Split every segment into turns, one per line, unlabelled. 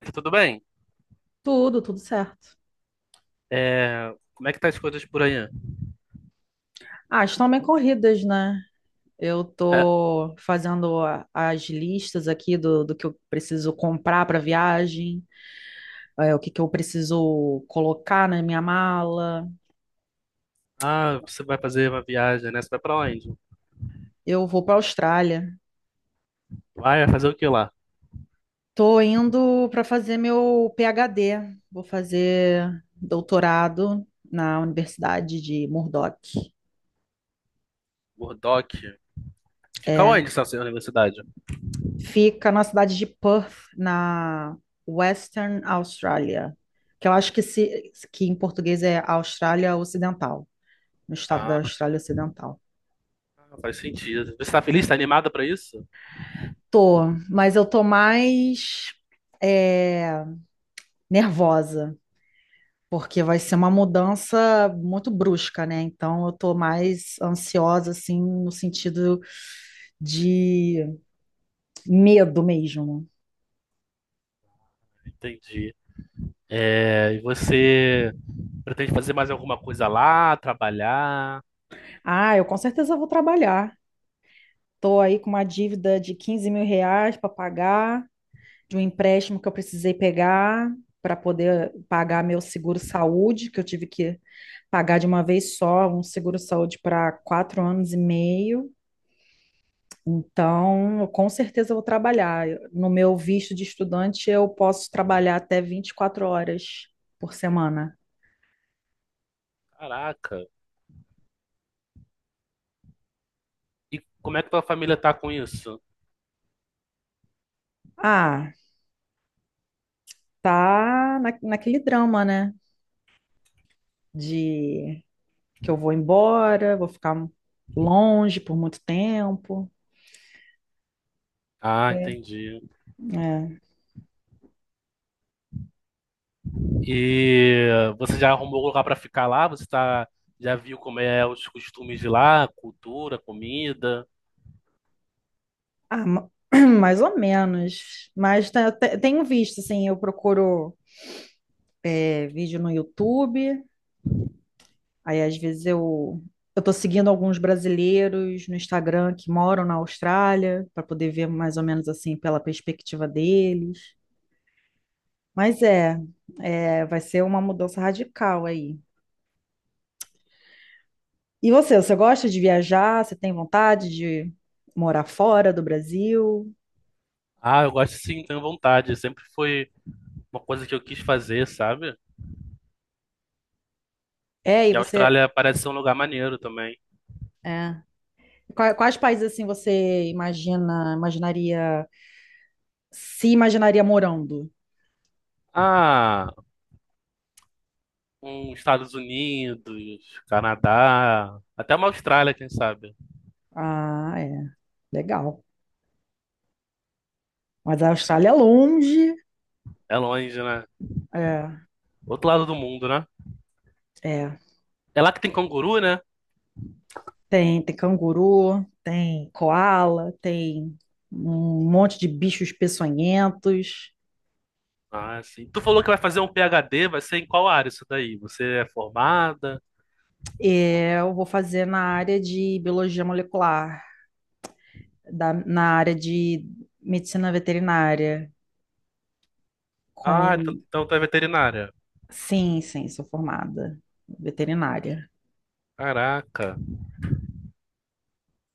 Tá tudo bem?
Tudo, tudo certo.
É, como é que tá as coisas por aí?
Ah, estão bem corridas, né? Eu
É,
tô fazendo as listas aqui do que eu preciso comprar para viagem, o que que eu preciso colocar na minha mala.
ah, você vai fazer uma viagem, né? Você vai pra onde?
Eu vou para a Austrália.
Vai fazer o que lá?
Tô indo para fazer meu PhD. Vou fazer doutorado na Universidade de Murdoch.
Murdoch. Fica
É,
onde essa sua universidade?
Fica na cidade de Perth, na Western Australia, que eu acho que, se, que em português é Austrália Ocidental, no estado da
Ah,
Austrália Ocidental.
faz sentido. Você tá feliz? Tá animada pra isso?
Tô, mas eu tô mais é, nervosa, porque vai ser uma mudança muito brusca, né? Então eu tô mais ansiosa, assim, no sentido de medo mesmo.
Entendi. É, e você pretende fazer mais alguma coisa lá? Trabalhar?
Ah, eu com certeza vou trabalhar. Tô aí com uma dívida de 15 mil reais para pagar, de um empréstimo que eu precisei pegar para poder pagar meu seguro-saúde, que eu tive que pagar de uma vez só, um seguro-saúde para 4 anos e meio. Então, eu com certeza eu vou trabalhar. No meu visto de estudante, eu posso trabalhar até 24 horas por semana.
Caraca. E como é que tua família tá com isso?
Ah, tá naquele drama, né? De que eu vou embora, vou ficar longe por muito tempo.
Ah,
É.
entendi.
É.
E você já arrumou lugar para ficar lá? Você tá, já viu como é os costumes de lá, cultura, comida?
Ah, mais ou menos. Mas tenho visto, assim, eu procuro vídeo no YouTube, aí às vezes eu tô seguindo alguns brasileiros no Instagram que moram na Austrália, para poder ver mais ou menos assim pela perspectiva deles. Mas vai ser uma mudança radical aí. E você gosta de viajar? Você tem vontade de morar fora do Brasil?
Ah, eu gosto sim, tenho vontade. Sempre foi uma coisa que eu quis fazer, sabe?
É, e
E a
você.
Austrália parece ser um lugar maneiro também.
É. Quais países assim você imaginaria, se imaginaria morando.
Ah, um Estados Unidos, Canadá, até uma Austrália, quem sabe?
Ah, é. Legal. Mas a Austrália é longe.
É longe, né?
É,
Outro lado do mundo, né?
é.
É lá que tem canguru, né?
Tem canguru, tem koala, tem um monte de bichos peçonhentos.
Ah, sim. Tu falou que vai fazer um PhD, vai ser em qual área isso daí? Você é formada?
É, eu vou fazer na área de biologia molecular, na área de medicina veterinária.
Ah, então
Com...
então tu é veterinária.
Sim, sim, sou formada veterinária.
Caraca,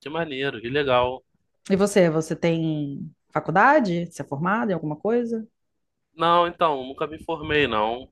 que maneiro, que legal.
E você tem faculdade? Você é formada em alguma coisa?
Não, então, nunca me formei, não.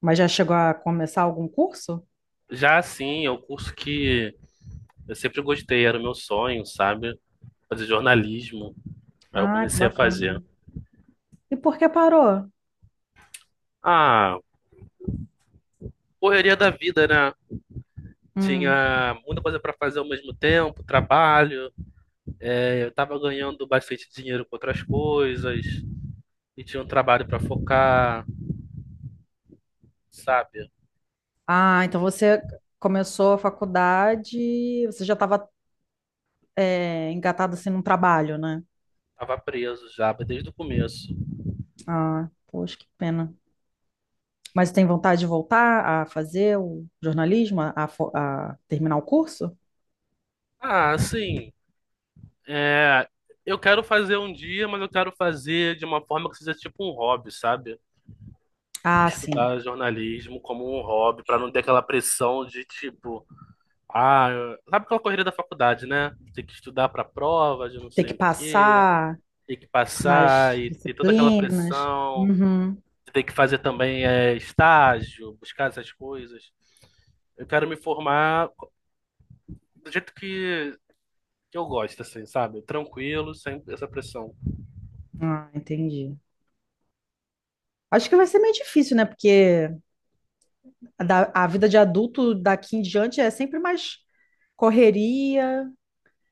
Mas já chegou a começar algum curso?
Já assim, é um curso que eu sempre gostei, era o meu sonho, sabe? Fazer jornalismo. Aí eu
Ah, que
comecei a
bacana.
fazer.
E por que parou?
Ah, correria da vida, né?
Hum.
Tinha muita coisa pra fazer ao mesmo tempo, trabalho. É, eu tava ganhando bastante dinheiro com outras coisas. E tinha um trabalho pra focar, sabe?
Ah, então você começou a faculdade, você já estava engatado assim num trabalho, né?
Tava preso já, desde o começo.
Ah, poxa, que pena. Mas tem vontade de voltar a fazer o jornalismo, a terminar o curso?
Ah, sim. É, eu quero fazer um dia, mas eu quero fazer de uma forma que seja tipo um hobby, sabe?
Ah, sim.
Estudar jornalismo como um hobby, pra não ter aquela pressão de tipo, ah, sabe aquela corrida da faculdade, né? Tem que estudar pra prova de não
Ter que
sei o quê,
passar
tem que passar
nas
e ter toda aquela
disciplinas.
pressão,
Uhum.
tem que fazer também é, estágio, buscar essas coisas. Eu quero me formar do jeito que eu gosto, assim, sabe? Tranquilo, sem essa pressão.
Ah, entendi. Acho que vai ser meio difícil, né? Porque a vida de adulto daqui em diante é sempre mais correria,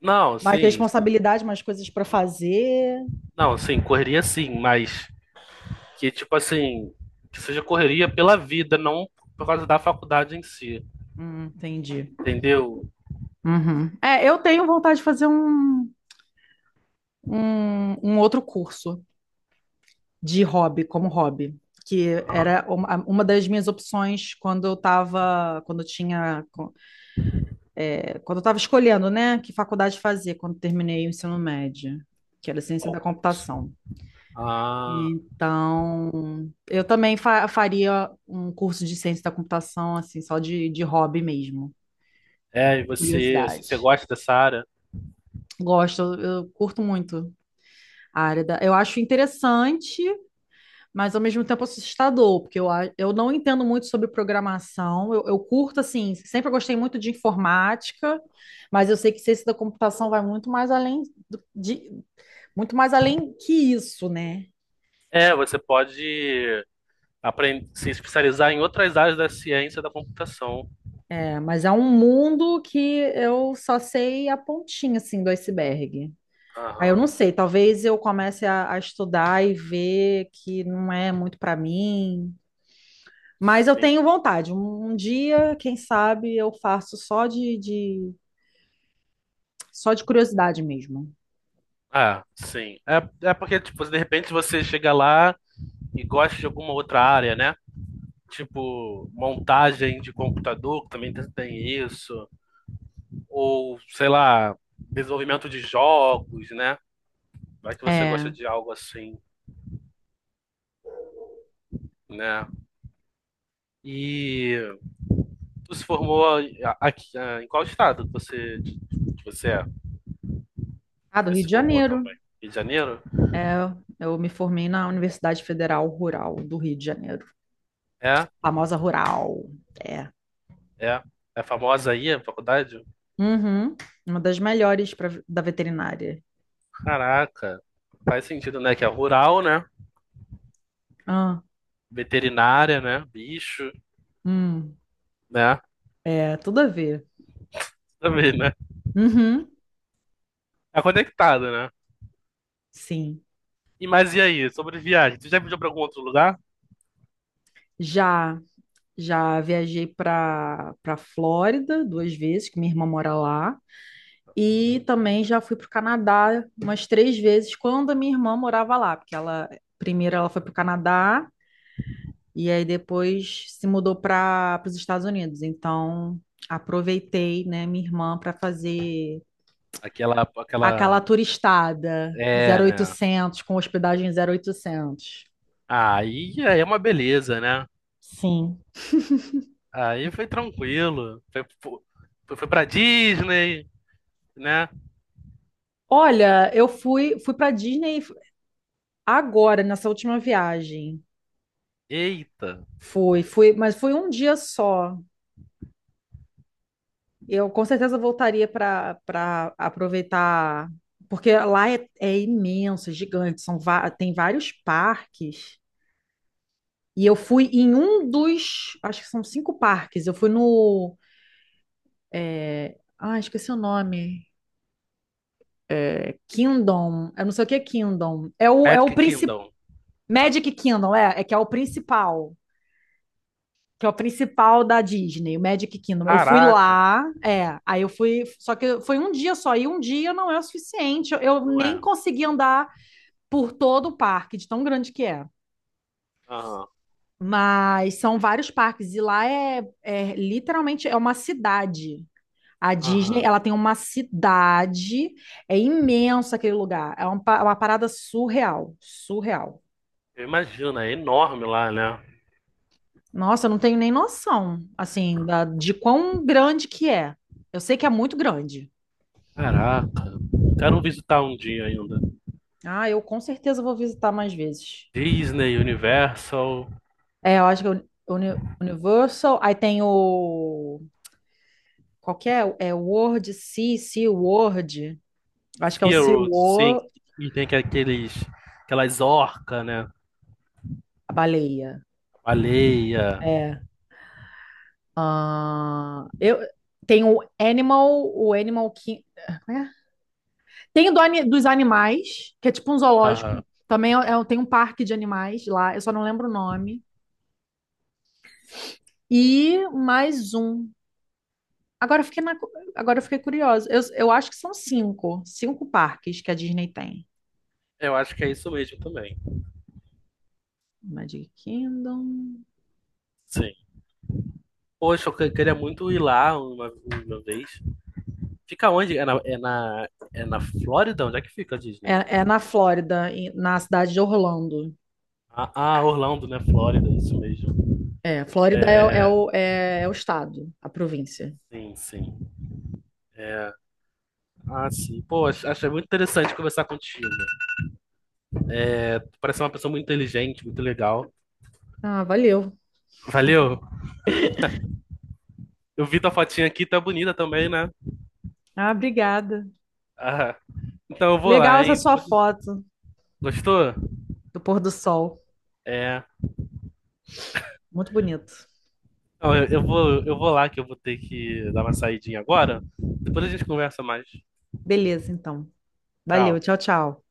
Não,
mais
sim.
responsabilidade, mais coisas para fazer.
Não, assim correria sim, mas que tipo assim, que seja correria pela vida, não por causa da faculdade em si,
Entendi.
entendeu?
Uhum. É, eu tenho vontade de fazer um outro curso de hobby, como hobby, que
Ah,
era uma das minhas opções quando eu estava escolhendo, né, que faculdade fazer quando terminei o ensino médio, que era ciência da
qual curso?
computação.
Ah,
Então, eu também faria um curso de ciência da computação, assim, só de hobby mesmo,
é, e você, se você
curiosidade.
gosta dessa área?
Gosto, eu curto muito a área da... Eu acho interessante, mas ao mesmo tempo assustador, porque eu não entendo muito sobre programação. Eu curto, assim, sempre gostei muito de informática, mas eu sei que ciência da computação vai muito mais além do- de, muito mais além que isso, né?
É, você pode aprender, se especializar em outras áreas da ciência da computação.
Mas é um mundo que eu só sei a pontinha, assim, do iceberg. Aí eu
Aham,
não sei, talvez eu comece a estudar e ver que não é muito para mim. Mas eu
sim.
tenho vontade. Um dia, quem sabe, eu faço só só de curiosidade mesmo.
Ah, sim. É, é porque, tipo, de repente você chega lá e gosta de alguma outra área, né? Tipo, montagem de computador, que também tem isso. Ou sei lá, desenvolvimento de jogos, né? Vai que você gosta
É.
de algo assim, né? E tu se formou aqui, em qual estado que você é?
Ah, do
Você
Rio
se
de
formou
Janeiro.
também? Rio de Janeiro?
É, eu me formei na Universidade Federal Rural do Rio de Janeiro.
É?
Famosa Rural. É.
É? É famosa aí a faculdade?
Uhum. Uma das melhores pra, da veterinária.
Caraca, faz sentido, né? Que é rural, né?
Ah,
Veterinária, né? Bicho,
hum.
né?
É, tudo a ver.
Também, né?
Uhum,
É conectado, né?
sim.
E mas e aí, sobre viagem? Tu já viajou pra algum outro lugar?
Já já viajei para Flórida duas vezes, que minha irmã mora lá, e também já fui para o Canadá umas três vezes quando a minha irmã morava lá, porque ela primeiro ela foi para o Canadá e aí depois se mudou para os Estados Unidos. Então aproveitei, né, minha irmã para fazer
Aquela,
aquela
aquela,
turistada
é,
zero
né?
oitocentos com hospedagem 0800.
Aí é uma beleza, né?
Sim.
Aí foi tranquilo. Foi pra Disney, né?
Olha, eu fui para Disney agora nessa última viagem.
Eita.
Foi, foi, mas foi um dia só. Eu com certeza voltaria para aproveitar, porque lá é, é imenso, é gigante, tem vários parques. E eu fui em um dos, acho que são cinco parques. Eu fui no, ah, esqueci o nome. É Kingdom. Eu não sei o que é Kingdom. É o
Magic
principal.
Kingdom.
Magic Kingdom, é que é o principal, que é o principal da Disney, o Magic Kingdom. Eu fui
Caraca,
lá, aí eu fui, só que foi um dia só, e um dia não é o suficiente. Eu
não
nem
é?
consegui andar por todo o parque, de tão grande que é.
Aham,
Mas são vários parques, e lá é, é literalmente é uma cidade. A Disney,
aham.
ela tem uma cidade, é imenso aquele lugar, é uma parada surreal, surreal.
Eu imagino, é enorme lá, né?
Nossa, eu não tenho nem noção, assim, de quão grande que é. Eu sei que é muito grande.
Caraca. Quero visitar um dia ainda.
Ah, eu com certeza vou visitar mais vezes.
Disney, Universal,
É, eu acho que o Universal, aí tem o qual que é? É Sea World. Eu acho que é o Sea
SeaWorld, sim.
World,
E tem que aqueles, aquelas orcas, né?
a baleia.
Baleia.
É. Ah, eu tem o Animal, King, é? Tem o dos animais, que é tipo um zoológico.
Aham.
Também tem um parque de animais lá, eu só não lembro o nome. E mais um. Agora eu fiquei na agora eu fiquei curiosa. Eu acho que são cinco parques que a Disney tem.
Eu acho que é isso mesmo também.
Magic Kingdom.
Sim. Poxa, queria muito ir lá uma vez. Fica onde? É na Flórida? Onde é que fica a Disney?
É, é na Flórida, na cidade de Orlando.
Ah, ah, Orlando, né? Flórida, isso mesmo.
É, Flórida é o estado, a província.
Sim, sim. Ah, sim. Pô, achei muito interessante conversar contigo. Tu parece uma pessoa muito inteligente, muito legal.
Ah, valeu.
Valeu. Eu vi tua fotinha aqui, tá bonita também, né?
Ah, obrigada.
Ah, então eu vou
Legal
lá,
essa
hein?
sua
Depois...
foto
Gostou?
do pôr do sol.
É.
Muito bonito.
Não, eu vou lá que eu vou ter que dar uma saidinha agora. Depois a gente conversa mais.
Beleza, então. Valeu,
Tchau.
tchau, tchau.